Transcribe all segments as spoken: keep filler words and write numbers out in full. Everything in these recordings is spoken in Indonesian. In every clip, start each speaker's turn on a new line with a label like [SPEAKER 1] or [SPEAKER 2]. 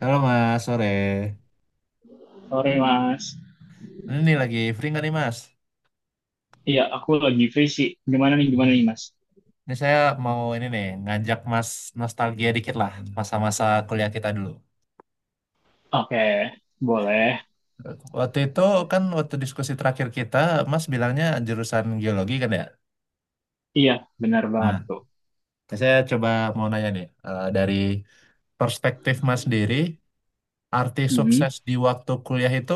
[SPEAKER 1] Halo Mas, sore.
[SPEAKER 2] Sore, Mas.
[SPEAKER 1] Ini nih lagi free nggak nih Mas?
[SPEAKER 2] Iya, aku lagi free sih. Gimana nih, gimana
[SPEAKER 1] Hmm.
[SPEAKER 2] nih, Mas?
[SPEAKER 1] Ini saya mau ini nih ngajak Mas nostalgia dikit lah masa-masa kuliah kita dulu.
[SPEAKER 2] Oke, boleh.
[SPEAKER 1] Waktu itu kan waktu diskusi terakhir kita, Mas bilangnya jurusan geologi kan ya?
[SPEAKER 2] Iya, benar banget
[SPEAKER 1] Nah,
[SPEAKER 2] tuh.
[SPEAKER 1] saya coba mau nanya nih eh, dari perspektif Mas sendiri, arti
[SPEAKER 2] Mm-mm.
[SPEAKER 1] sukses di waktu kuliah itu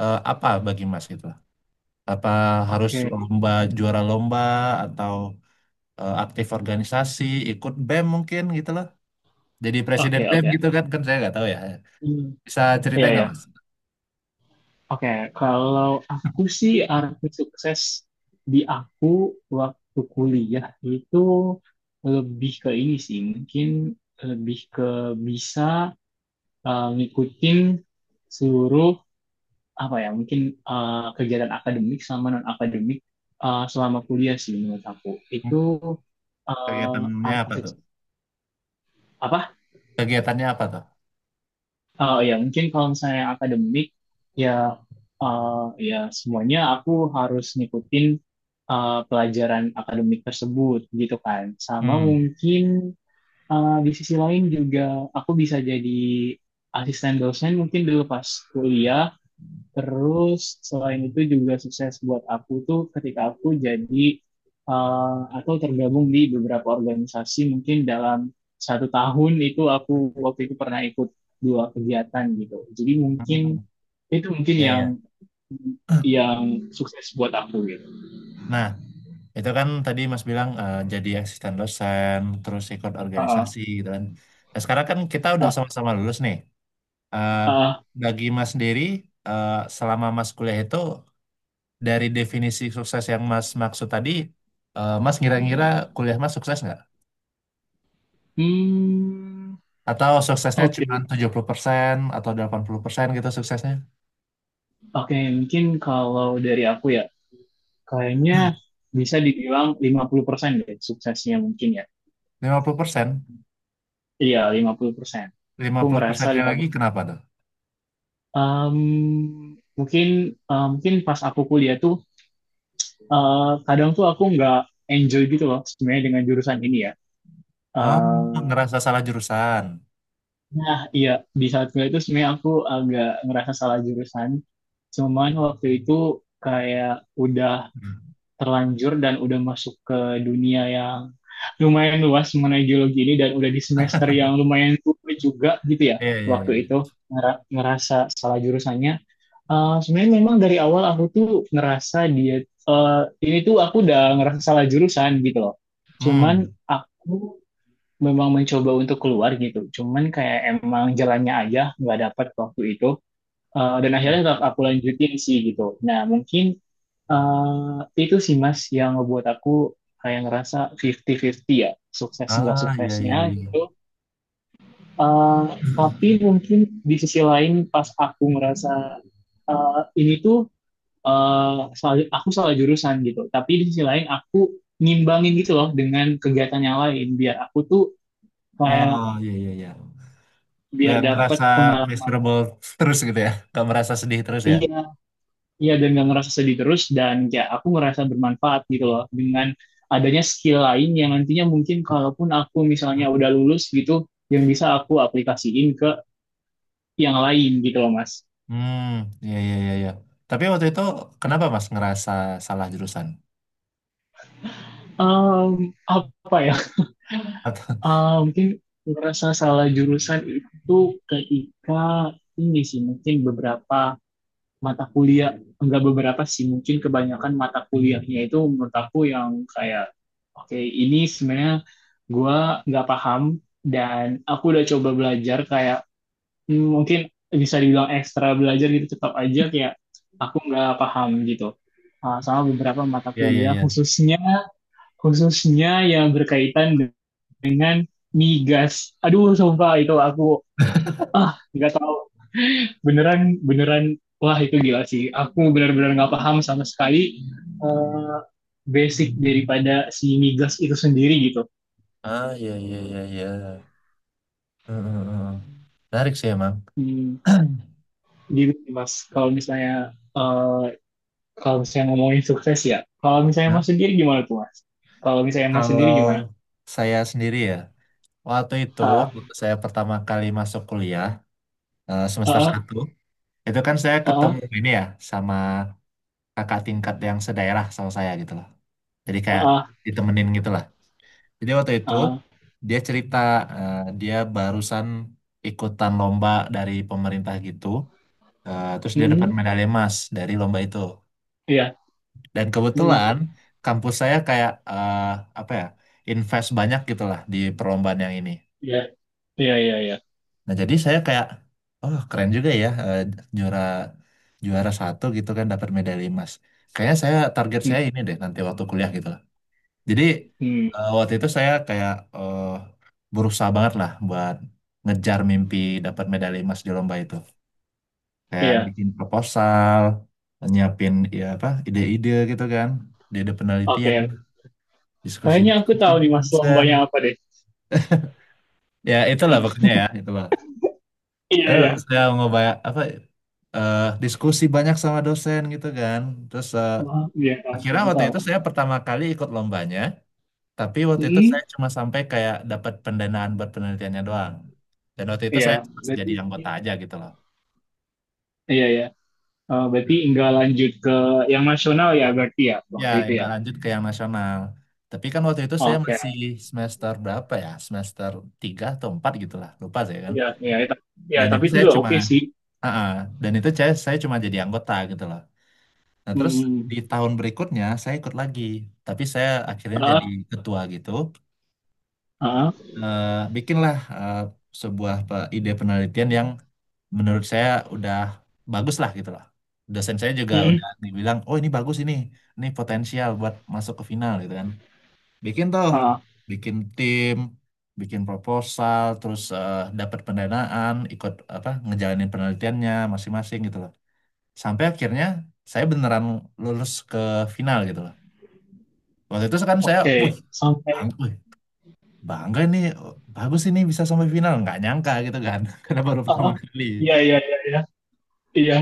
[SPEAKER 1] eh, apa bagi Mas gitu? Apa harus
[SPEAKER 2] Oke,
[SPEAKER 1] lomba juara lomba atau eh, aktif organisasi, ikut BEM mungkin gitu loh? Jadi presiden
[SPEAKER 2] oke,
[SPEAKER 1] BEM
[SPEAKER 2] oke.
[SPEAKER 1] gitu kan, kan saya nggak tahu ya.
[SPEAKER 2] Hmm.
[SPEAKER 1] Bisa ceritain
[SPEAKER 2] Iya,
[SPEAKER 1] nggak
[SPEAKER 2] ya.
[SPEAKER 1] Mas?
[SPEAKER 2] Oke, kalau aku sih arti sukses di aku waktu kuliah itu lebih ke ini sih, mungkin lebih ke bisa eh, ngikutin seluruh apa ya mungkin eh, kegiatan akademik sama non akademik selama kuliah sih menurut aku itu eh,
[SPEAKER 1] Kegiatannya
[SPEAKER 2] arti
[SPEAKER 1] apa tuh?
[SPEAKER 2] apa
[SPEAKER 1] Kegiatannya apa tuh?
[SPEAKER 2] eh, ya mungkin kalau misalnya akademik ya eh, ya semuanya aku harus ngikutin eh, pelajaran akademik tersebut gitu kan, sama
[SPEAKER 1] Hmm,
[SPEAKER 2] mungkin eh, di sisi lain juga aku bisa jadi asisten dosen mungkin dulu pas kuliah. Terus selain itu juga sukses buat aku tuh ketika aku jadi eh, atau tergabung di beberapa organisasi mungkin dalam satu tahun itu aku waktu itu pernah ikut dua kegiatan gitu. Jadi mungkin
[SPEAKER 1] hmm,
[SPEAKER 2] itu mungkin
[SPEAKER 1] ya,
[SPEAKER 2] yang
[SPEAKER 1] ya.
[SPEAKER 2] yang sukses buat aku gitu.
[SPEAKER 1] Nah, itu kan tadi Mas bilang eh, jadi asisten dosen, terus ikut
[SPEAKER 2] Heeh,
[SPEAKER 1] organisasi gitu kan. Nah, sekarang kan kita udah
[SPEAKER 2] heeh,
[SPEAKER 1] sama-sama lulus nih. Eh,
[SPEAKER 2] heeh.
[SPEAKER 1] bagi Mas sendiri, eh, selama Mas kuliah itu dari definisi sukses yang Mas maksud tadi, eh, Mas ngira-ngira kuliah Mas sukses nggak?
[SPEAKER 2] Hmm.
[SPEAKER 1] Atau suksesnya
[SPEAKER 2] Oke.
[SPEAKER 1] cuma
[SPEAKER 2] Okay.
[SPEAKER 1] tujuh puluh persen atau delapan puluh persen gitu suksesnya?
[SPEAKER 2] Oke, okay, mungkin kalau dari aku ya, kayaknya bisa dibilang lima puluh persen deh suksesnya mungkin ya.
[SPEAKER 1] Lima puluh persen,
[SPEAKER 2] Iya, lima puluh persen.
[SPEAKER 1] lima
[SPEAKER 2] Aku
[SPEAKER 1] puluh
[SPEAKER 2] ngerasa
[SPEAKER 1] persennya lagi
[SPEAKER 2] lima puluh.
[SPEAKER 1] kenapa tuh?
[SPEAKER 2] Em, Mungkin eh, mungkin pas aku kuliah tuh eh, kadang tuh aku nggak enjoy gitu loh sebenarnya dengan jurusan ini ya.
[SPEAKER 1] Ah,
[SPEAKER 2] Eh,
[SPEAKER 1] ngerasa salah jurusan.
[SPEAKER 2] nah, iya, di saat kuliah itu sebenarnya aku agak ngerasa salah jurusan. Cuman waktu itu kayak udah
[SPEAKER 1] Hmm.
[SPEAKER 2] terlanjur dan udah masuk ke dunia yang lumayan luas mengenai geologi ini dan udah di semester yang lumayan tua juga gitu ya
[SPEAKER 1] Iya, iya,
[SPEAKER 2] waktu
[SPEAKER 1] iya.
[SPEAKER 2] itu. Ngera- ngerasa salah jurusannya. Eh, sebenarnya memang dari awal aku tuh ngerasa dia eh, ini tuh aku udah ngerasa salah jurusan gitu loh. Cuman
[SPEAKER 1] Hmm.
[SPEAKER 2] aku memang mencoba untuk keluar gitu. Cuman kayak emang jalannya aja nggak dapat waktu itu. Eh, dan akhirnya tetap aku lanjutin sih gitu. Nah mungkin eh, itu sih Mas yang ngebuat aku kayak ngerasa fifty fifty ya, sukses nggak
[SPEAKER 1] Ah, iya, iya,
[SPEAKER 2] suksesnya
[SPEAKER 1] iya.
[SPEAKER 2] gitu. Eh, tapi mungkin di sisi lain pas aku ngerasa eh, ini tuh eh, salah- aku salah jurusan gitu. Tapi di sisi lain aku ngimbangin gitu loh dengan kegiatan yang lain biar aku tuh kayak
[SPEAKER 1] Oh, iya, iya, iya.
[SPEAKER 2] biar
[SPEAKER 1] Nggak
[SPEAKER 2] dapat
[SPEAKER 1] ngerasa
[SPEAKER 2] pengalaman.
[SPEAKER 1] miserable terus gitu ya? Nggak merasa sedih terus ya?
[SPEAKER 2] Iya, iya dan gak ngerasa sedih terus dan ya aku ngerasa bermanfaat gitu loh dengan adanya skill lain yang nantinya mungkin kalaupun aku misalnya udah lulus gitu, yang bisa aku aplikasiin ke yang lain gitu loh Mas.
[SPEAKER 1] Hmm, iya, iya, iya, iya. Tapi waktu itu kenapa Mas ngerasa salah jurusan?
[SPEAKER 2] Em, Apa ya?
[SPEAKER 1] Atau,
[SPEAKER 2] Ah, mungkin merasa salah jurusan itu ketika ini sih mungkin beberapa mata kuliah, enggak beberapa sih mungkin kebanyakan mata kuliahnya itu menurut aku yang kayak oke ini sebenarnya gua nggak paham, dan aku udah coba belajar kayak hmm, mungkin bisa dibilang ekstra belajar gitu tetap aja kayak aku nggak paham gitu. Ah, sama beberapa mata
[SPEAKER 1] iya, iya,
[SPEAKER 2] kuliah
[SPEAKER 1] iya.
[SPEAKER 2] khususnya khususnya yang berkaitan dengan migas. Aduh, sumpah itu aku ah nggak tahu, beneran, beneran, wah itu gila sih. Aku benar-benar nggak paham sama sekali eh, basic daripada si migas itu sendiri gitu.
[SPEAKER 1] Ah, iya, iya, iya, iya. Hmm, hmm, hmm. Menarik sih emang.
[SPEAKER 2] Hmm, gitu sih, Mas. Kalau misalnya eh, kalau misalnya ngomongin sukses ya. Kalau misalnya Mas
[SPEAKER 1] Nah,
[SPEAKER 2] sendiri gimana tuh Mas? Kalau misalnya Mas sendiri
[SPEAKER 1] kalau
[SPEAKER 2] gimana?
[SPEAKER 1] saya sendiri ya, waktu itu,
[SPEAKER 2] Ah,
[SPEAKER 1] waktu saya pertama kali masuk kuliah, eh, semester
[SPEAKER 2] ah,
[SPEAKER 1] satu, itu kan saya
[SPEAKER 2] ah,
[SPEAKER 1] ketemu ini ya, sama kakak tingkat yang sedaerah sama saya gitu loh. Jadi kayak
[SPEAKER 2] ah,
[SPEAKER 1] ditemenin gitu lah. Jadi waktu
[SPEAKER 2] ah,
[SPEAKER 1] itu,
[SPEAKER 2] ah.
[SPEAKER 1] dia cerita eh, dia barusan ikutan lomba dari pemerintah gitu, eh, terus dia dapat
[SPEAKER 2] Mm-mm.
[SPEAKER 1] medali emas dari lomba itu.
[SPEAKER 2] Iya,
[SPEAKER 1] Dan
[SPEAKER 2] mm-mm.
[SPEAKER 1] kebetulan, kampus saya kayak, eh, apa ya, invest banyak gitu lah di perlombaan yang ini.
[SPEAKER 2] Iya, iya, iya, iya.
[SPEAKER 1] Nah, jadi saya kayak, oh keren juga ya eh, juara juara satu gitu kan dapat medali emas. Kayaknya saya target
[SPEAKER 2] Mm,
[SPEAKER 1] saya ini deh nanti waktu kuliah gitu lah. Jadi
[SPEAKER 2] mm,
[SPEAKER 1] eh, waktu itu saya kayak eh, berusaha banget lah buat ngejar mimpi dapat medali emas di lomba itu. Kayak
[SPEAKER 2] iya.
[SPEAKER 1] bikin proposal, nyiapin ya apa ide-ide gitu kan, ide-ide penelitian,
[SPEAKER 2] Oke, kayaknya aku tahu
[SPEAKER 1] diskusi-diskusi
[SPEAKER 2] nih mas lombanya
[SPEAKER 1] dosen.
[SPEAKER 2] apa deh.
[SPEAKER 1] Ya itulah pokoknya ya, itu
[SPEAKER 2] Iya,
[SPEAKER 1] eh,
[SPEAKER 2] iya.
[SPEAKER 1] saya mau banyak apa eh, diskusi banyak sama dosen gitu kan, terus eh,
[SPEAKER 2] Ah, iya, tahu,
[SPEAKER 1] akhirnya
[SPEAKER 2] tahu,
[SPEAKER 1] waktu
[SPEAKER 2] tahu.
[SPEAKER 1] itu saya pertama kali ikut lombanya. Tapi waktu itu
[SPEAKER 2] Hmm,
[SPEAKER 1] saya cuma sampai kayak dapat pendanaan buat penelitiannya doang dan waktu itu
[SPEAKER 2] iya,
[SPEAKER 1] saya cuma
[SPEAKER 2] berarti
[SPEAKER 1] jadi anggota aja gitu loh.
[SPEAKER 2] iya ya. Berarti nggak lanjut ke yang nasional ya berarti ya
[SPEAKER 1] Ya
[SPEAKER 2] waktu itu ya.
[SPEAKER 1] nggak lanjut ke yang nasional, tapi kan waktu itu saya
[SPEAKER 2] Oke.
[SPEAKER 1] masih semester berapa ya, semester tiga atau empat gitu lah, lupa saya kan.
[SPEAKER 2] Iya, iya itu, ya
[SPEAKER 1] Dan
[SPEAKER 2] tapi
[SPEAKER 1] itu
[SPEAKER 2] itu
[SPEAKER 1] saya
[SPEAKER 2] udah
[SPEAKER 1] cuma
[SPEAKER 2] oke sih.
[SPEAKER 1] ah, ah. dan itu saya, saya cuma jadi anggota gitu loh. Nah, terus
[SPEAKER 2] Hmm,
[SPEAKER 1] di tahun berikutnya saya ikut lagi, tapi saya akhirnya jadi
[SPEAKER 2] ah,
[SPEAKER 1] ketua gitu.
[SPEAKER 2] ah,
[SPEAKER 1] Eh, bikinlah eh, sebuah pe- ide penelitian yang menurut saya udah bagus lah gitu lah. Dosen saya juga
[SPEAKER 2] hmm,
[SPEAKER 1] udah dibilang, oh ini bagus ini, ini potensial buat masuk ke final gitu kan. Bikin tuh,
[SPEAKER 2] ah,
[SPEAKER 1] bikin tim, bikin proposal, terus eh, dapat pendanaan, ikut apa ngejalanin penelitiannya masing-masing gitu loh. Sampai akhirnya saya beneran lulus ke final gitu loh. Waktu itu kan saya wih,
[SPEAKER 2] oke, sampai
[SPEAKER 1] bang, wih, bangga ini, bagus ini bisa sampai final nggak nyangka gitu kan karena baru pertama
[SPEAKER 2] ah,
[SPEAKER 1] kali.
[SPEAKER 2] iya, iya, iya, iya, iya.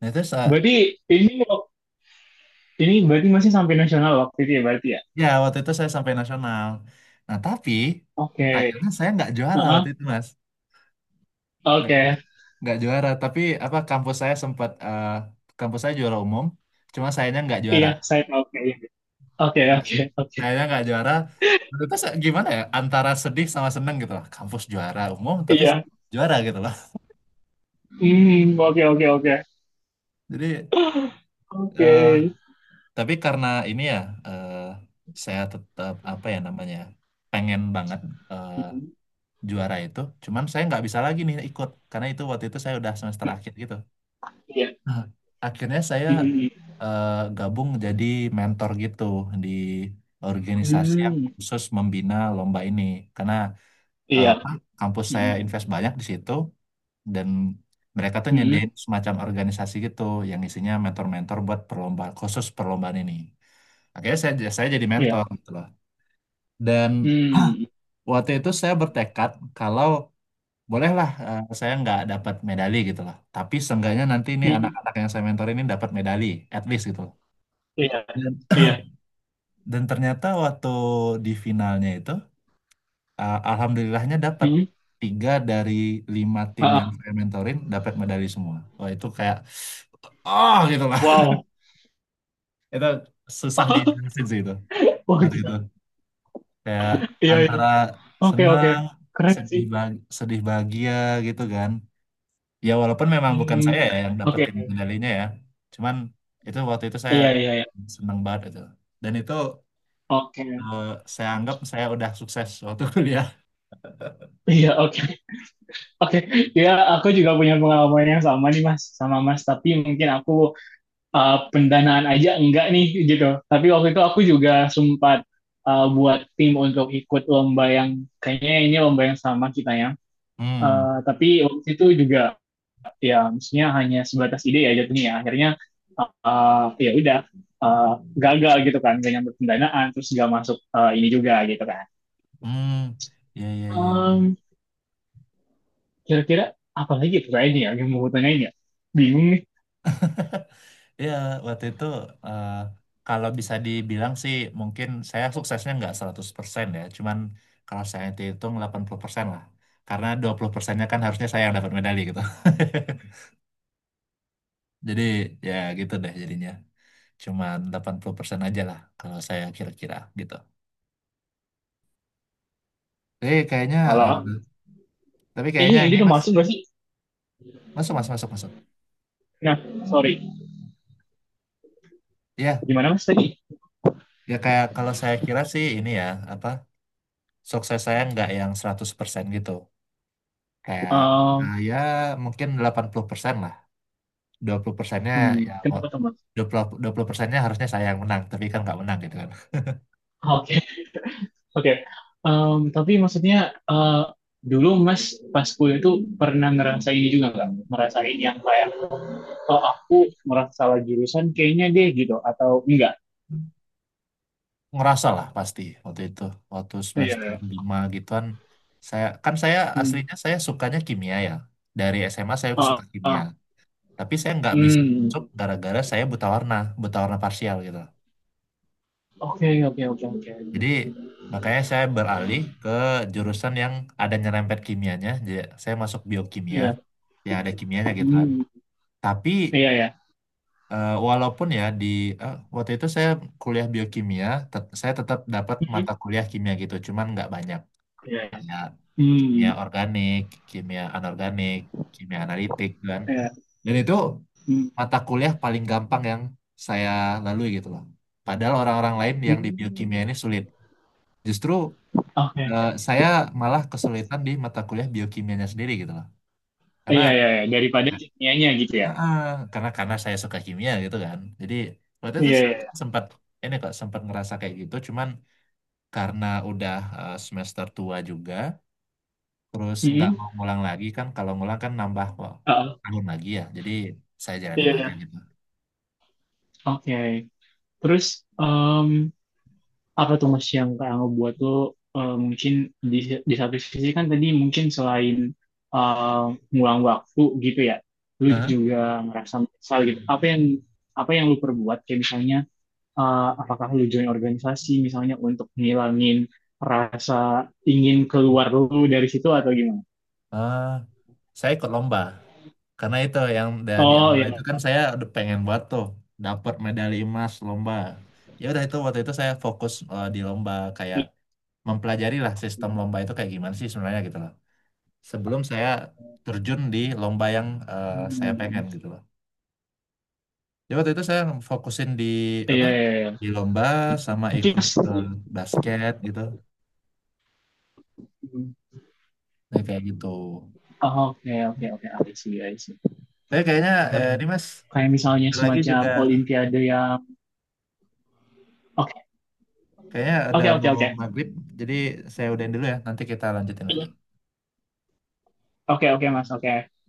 [SPEAKER 1] Nah, terus eh,
[SPEAKER 2] Berarti ini ini berarti masih sampai nasional waktu itu ya berarti ya.
[SPEAKER 1] ya waktu itu saya sampai nasional. Nah, tapi
[SPEAKER 2] Oke,
[SPEAKER 1] kayaknya saya nggak
[SPEAKER 2] ah,
[SPEAKER 1] juara waktu
[SPEAKER 2] ah,
[SPEAKER 1] itu Mas. nggak
[SPEAKER 2] oke.
[SPEAKER 1] nggak juara, tapi apa, kampus saya sempat eh, kampus saya juara umum, cuma sayanya nggak juara.
[SPEAKER 2] Iya, saya tahu, oke. Iya. Oke,
[SPEAKER 1] Nggak-
[SPEAKER 2] oke, oke.
[SPEAKER 1] Sayanya nggak juara waktu itu. Saya- gimana ya, antara sedih sama seneng gitu lah, kampus juara umum tapi
[SPEAKER 2] Iya.
[SPEAKER 1] juara gitu loh.
[SPEAKER 2] Hmm, oke, oke, oke.
[SPEAKER 1] jadi
[SPEAKER 2] Oke.
[SPEAKER 1] eh, Tapi karena ini ya, eh, saya tetap apa ya namanya, pengen banget eh,
[SPEAKER 2] Hmm.
[SPEAKER 1] juara itu. Cuman saya nggak bisa lagi nih ikut, karena itu waktu itu saya udah semester akhir gitu.
[SPEAKER 2] Iya.
[SPEAKER 1] Nah, akhirnya saya
[SPEAKER 2] Hmm,
[SPEAKER 1] eh, gabung jadi mentor gitu di organisasi yang
[SPEAKER 2] hmm.
[SPEAKER 1] khusus membina lomba ini. Karena eh,
[SPEAKER 2] Iya.
[SPEAKER 1] kampus saya
[SPEAKER 2] Hmm,
[SPEAKER 1] invest banyak di situ dan mereka tuh
[SPEAKER 2] hmm.
[SPEAKER 1] nyediain semacam organisasi gitu yang isinya mentor-mentor buat perlombaan, khusus perlombaan ini. Akhirnya saya, saya jadi
[SPEAKER 2] Iya.
[SPEAKER 1] mentor gitu loh. Dan
[SPEAKER 2] Hmm,
[SPEAKER 1] waktu itu saya bertekad kalau bolehlah eh, saya nggak dapat medali gitu loh. Tapi seenggaknya nanti ini
[SPEAKER 2] hmm.
[SPEAKER 1] anak-anak yang saya mentor ini dapat medali, at least gitu loh.
[SPEAKER 2] Iya.
[SPEAKER 1] Dan,
[SPEAKER 2] Iya.
[SPEAKER 1] dan ternyata waktu di finalnya itu, eh, alhamdulillahnya dapat
[SPEAKER 2] Hmm.
[SPEAKER 1] tiga dari lima tim
[SPEAKER 2] Ah,
[SPEAKER 1] yang
[SPEAKER 2] ah.
[SPEAKER 1] saya mentorin dapat medali semua. Wah itu kayak, oh gitu lah.
[SPEAKER 2] Wow.
[SPEAKER 1] Itu susah dijelasin sih itu.
[SPEAKER 2] Wah,
[SPEAKER 1] Waktu itu,
[SPEAKER 2] gila.
[SPEAKER 1] kayak
[SPEAKER 2] Iya, iya.
[SPEAKER 1] antara
[SPEAKER 2] Oke, oke.
[SPEAKER 1] senang,
[SPEAKER 2] Keren
[SPEAKER 1] sedih
[SPEAKER 2] sih.
[SPEAKER 1] bah- sedih bahagia gitu kan. Ya walaupun memang bukan
[SPEAKER 2] Hmm.
[SPEAKER 1] saya ya yang
[SPEAKER 2] Oke.
[SPEAKER 1] dapetin medalinya ya. Cuman itu waktu itu saya
[SPEAKER 2] Iya, iya, iya.
[SPEAKER 1] senang banget itu. Dan itu
[SPEAKER 2] Oke.
[SPEAKER 1] eh, saya anggap saya udah sukses waktu kuliah.
[SPEAKER 2] Iya, oke. Oke. Iya, aku juga punya pengalaman yang sama nih, Mas. Sama Mas, tapi mungkin aku eh, pendanaan aja enggak nih gitu. Tapi waktu itu aku juga sempat eh, buat tim untuk ikut lomba yang kayaknya ini lomba yang sama kita ya.
[SPEAKER 1] Hmm,
[SPEAKER 2] Eh, tapi waktu itu juga ya maksudnya hanya sebatas ide ya jatuhnya. Ya. Akhirnya eh, ya udah eh, gagal gitu kan, gak nyampe pendanaan terus gak masuk eh, ini juga gitu kan.
[SPEAKER 1] hmm, ya, ya, ya.
[SPEAKER 2] Em, Kira-kira apa lagi tuh kayaknya ya yang mau tanyain ya? Bingung nih.
[SPEAKER 1] Iya, waktu itu eh, kalau bisa dibilang sih mungkin saya suksesnya nggak seratus persen ya. Cuman kalau saya hitung delapan puluh persen lah. Karena dua puluh persennya kan harusnya saya yang dapat medali gitu. Jadi ya gitu deh jadinya. Cuman delapan puluh persen aja lah kalau saya kira-kira gitu. Tapi kayaknya eh,
[SPEAKER 2] Halo,
[SPEAKER 1] tapi
[SPEAKER 2] ini
[SPEAKER 1] kayaknya
[SPEAKER 2] ini
[SPEAKER 1] ini
[SPEAKER 2] udah
[SPEAKER 1] Mas,
[SPEAKER 2] masuk gak sih?
[SPEAKER 1] masuk Mas, masuk, masuk.
[SPEAKER 2] Nah, sorry.
[SPEAKER 1] Iya,
[SPEAKER 2] Gimana mas tadi?
[SPEAKER 1] ya kayak kalau saya kira sih ini ya apa, sukses saya nggak yang seratus persen gitu. Kayak
[SPEAKER 2] Em,
[SPEAKER 1] nah, ya mungkin delapan puluh persen lah. Dua puluh persennya
[SPEAKER 2] Hmm,
[SPEAKER 1] ya mau-
[SPEAKER 2] kenapa tuh Mas?
[SPEAKER 1] dua puluh dua puluh persennya harusnya saya yang menang tapi kan nggak menang gitu kan.
[SPEAKER 2] Oke, oke. Em, tapi maksudnya eh, dulu Mas pas kuliah itu pernah ngerasain ini juga nggak? Ngerasain yang kayak, oh aku merasa salah jurusan kayaknya deh gitu, atau enggak?
[SPEAKER 1] Ngerasa lah pasti waktu itu, waktu
[SPEAKER 2] Iya.
[SPEAKER 1] semester
[SPEAKER 2] Iya.
[SPEAKER 1] lima gituan saya kan, saya
[SPEAKER 2] Hmm.
[SPEAKER 1] aslinya saya sukanya kimia ya, dari S M A saya suka
[SPEAKER 2] Oh,
[SPEAKER 1] kimia,
[SPEAKER 2] oh.
[SPEAKER 1] tapi saya nggak bisa
[SPEAKER 2] Hmm.
[SPEAKER 1] masuk gara-gara saya buta warna, buta warna parsial gitu.
[SPEAKER 2] Oke, oke, oke, oke.
[SPEAKER 1] Jadi makanya saya beralih ke jurusan yang ada nyerempet kimianya, jadi saya masuk biokimia
[SPEAKER 2] Iya.
[SPEAKER 1] yang ada kimianya gitu kan.
[SPEAKER 2] Hmm.
[SPEAKER 1] Tapi
[SPEAKER 2] Iya, ya.
[SPEAKER 1] Eh, walaupun ya di eh, waktu itu saya kuliah biokimia, tet- saya tetap dapat
[SPEAKER 2] Iya,
[SPEAKER 1] mata kuliah kimia gitu, cuman nggak banyak.
[SPEAKER 2] iya. Ya.
[SPEAKER 1] Kayak kimia
[SPEAKER 2] Hmm.
[SPEAKER 1] organik, kimia anorganik, kimia analitik dan
[SPEAKER 2] Iya.
[SPEAKER 1] dan itu
[SPEAKER 2] Hmm.
[SPEAKER 1] mata kuliah paling gampang yang saya lalui gitu loh. Padahal orang-orang lain yang di
[SPEAKER 2] Hmm.
[SPEAKER 1] biokimia ini sulit. Justru
[SPEAKER 2] Oke.
[SPEAKER 1] eh, saya malah kesulitan di mata kuliah biokimianya sendiri gitu loh. Karena
[SPEAKER 2] Iya, iya, iya. Daripada nianya gitu ya.
[SPEAKER 1] Heeh, karena karena saya suka kimia gitu kan. Jadi waktu itu
[SPEAKER 2] Iya,
[SPEAKER 1] se-
[SPEAKER 2] iya. Iya.
[SPEAKER 1] sempat ini kok sempat ngerasa kayak gitu. Cuman karena udah eh, semester tua juga, terus nggak
[SPEAKER 2] Hmm.
[SPEAKER 1] mau ngulang lagi kan. Kalau ngulang kan nambah wah,
[SPEAKER 2] Oh.
[SPEAKER 1] tahun lagi ya. Jadi saya
[SPEAKER 2] Iya,
[SPEAKER 1] jalanin aja
[SPEAKER 2] iya.
[SPEAKER 1] gitu.
[SPEAKER 2] Oke. Terus em, apa tuh Mas yang Kak Angga buat tuh eh, mungkin di, di satu sisi kan tadi mungkin selain eh, ngulang waktu gitu ya, lu
[SPEAKER 1] Heeh.
[SPEAKER 2] juga merasa menyesal gitu. Apa yang apa yang lu perbuat kayak misalnya eh, apakah lu join organisasi misalnya untuk ngilangin rasa ingin keluar lu dari situ atau gimana?
[SPEAKER 1] Eh, saya ikut lomba karena itu yang da- di
[SPEAKER 2] Oh
[SPEAKER 1] awal itu
[SPEAKER 2] iya.
[SPEAKER 1] kan saya udah pengen buat tuh dapat medali emas lomba. Ya udah itu waktu itu saya fokus eh, di lomba kayak mempelajari lah sistem lomba itu kayak gimana sih sebenarnya gitu loh. Sebelum saya terjun di lomba yang eh, saya pengen
[SPEAKER 2] Hmm.
[SPEAKER 1] gitu loh. Jadi waktu itu saya fokusin di
[SPEAKER 2] Iya,
[SPEAKER 1] apa?
[SPEAKER 2] iya,
[SPEAKER 1] Di
[SPEAKER 2] iya.
[SPEAKER 1] lomba sama
[SPEAKER 2] Mungkin
[SPEAKER 1] ikut
[SPEAKER 2] Mas-
[SPEAKER 1] eh, basket gitu.
[SPEAKER 2] Hmm.
[SPEAKER 1] Jadi kayak gitu.
[SPEAKER 2] Oh, oke, oke, oke. I see, I see.
[SPEAKER 1] Tapi kayaknya eh, ini Mas
[SPEAKER 2] Kayak misalnya
[SPEAKER 1] lagi
[SPEAKER 2] semacam
[SPEAKER 1] juga
[SPEAKER 2] olimpiade yang oke,
[SPEAKER 1] kayaknya ada
[SPEAKER 2] oke, oke,
[SPEAKER 1] mau
[SPEAKER 2] oke.
[SPEAKER 1] maghrib. Jadi saya udahin dulu ya. Nanti kita lanjutin lagi.
[SPEAKER 2] Iya, oke, oke mas oke.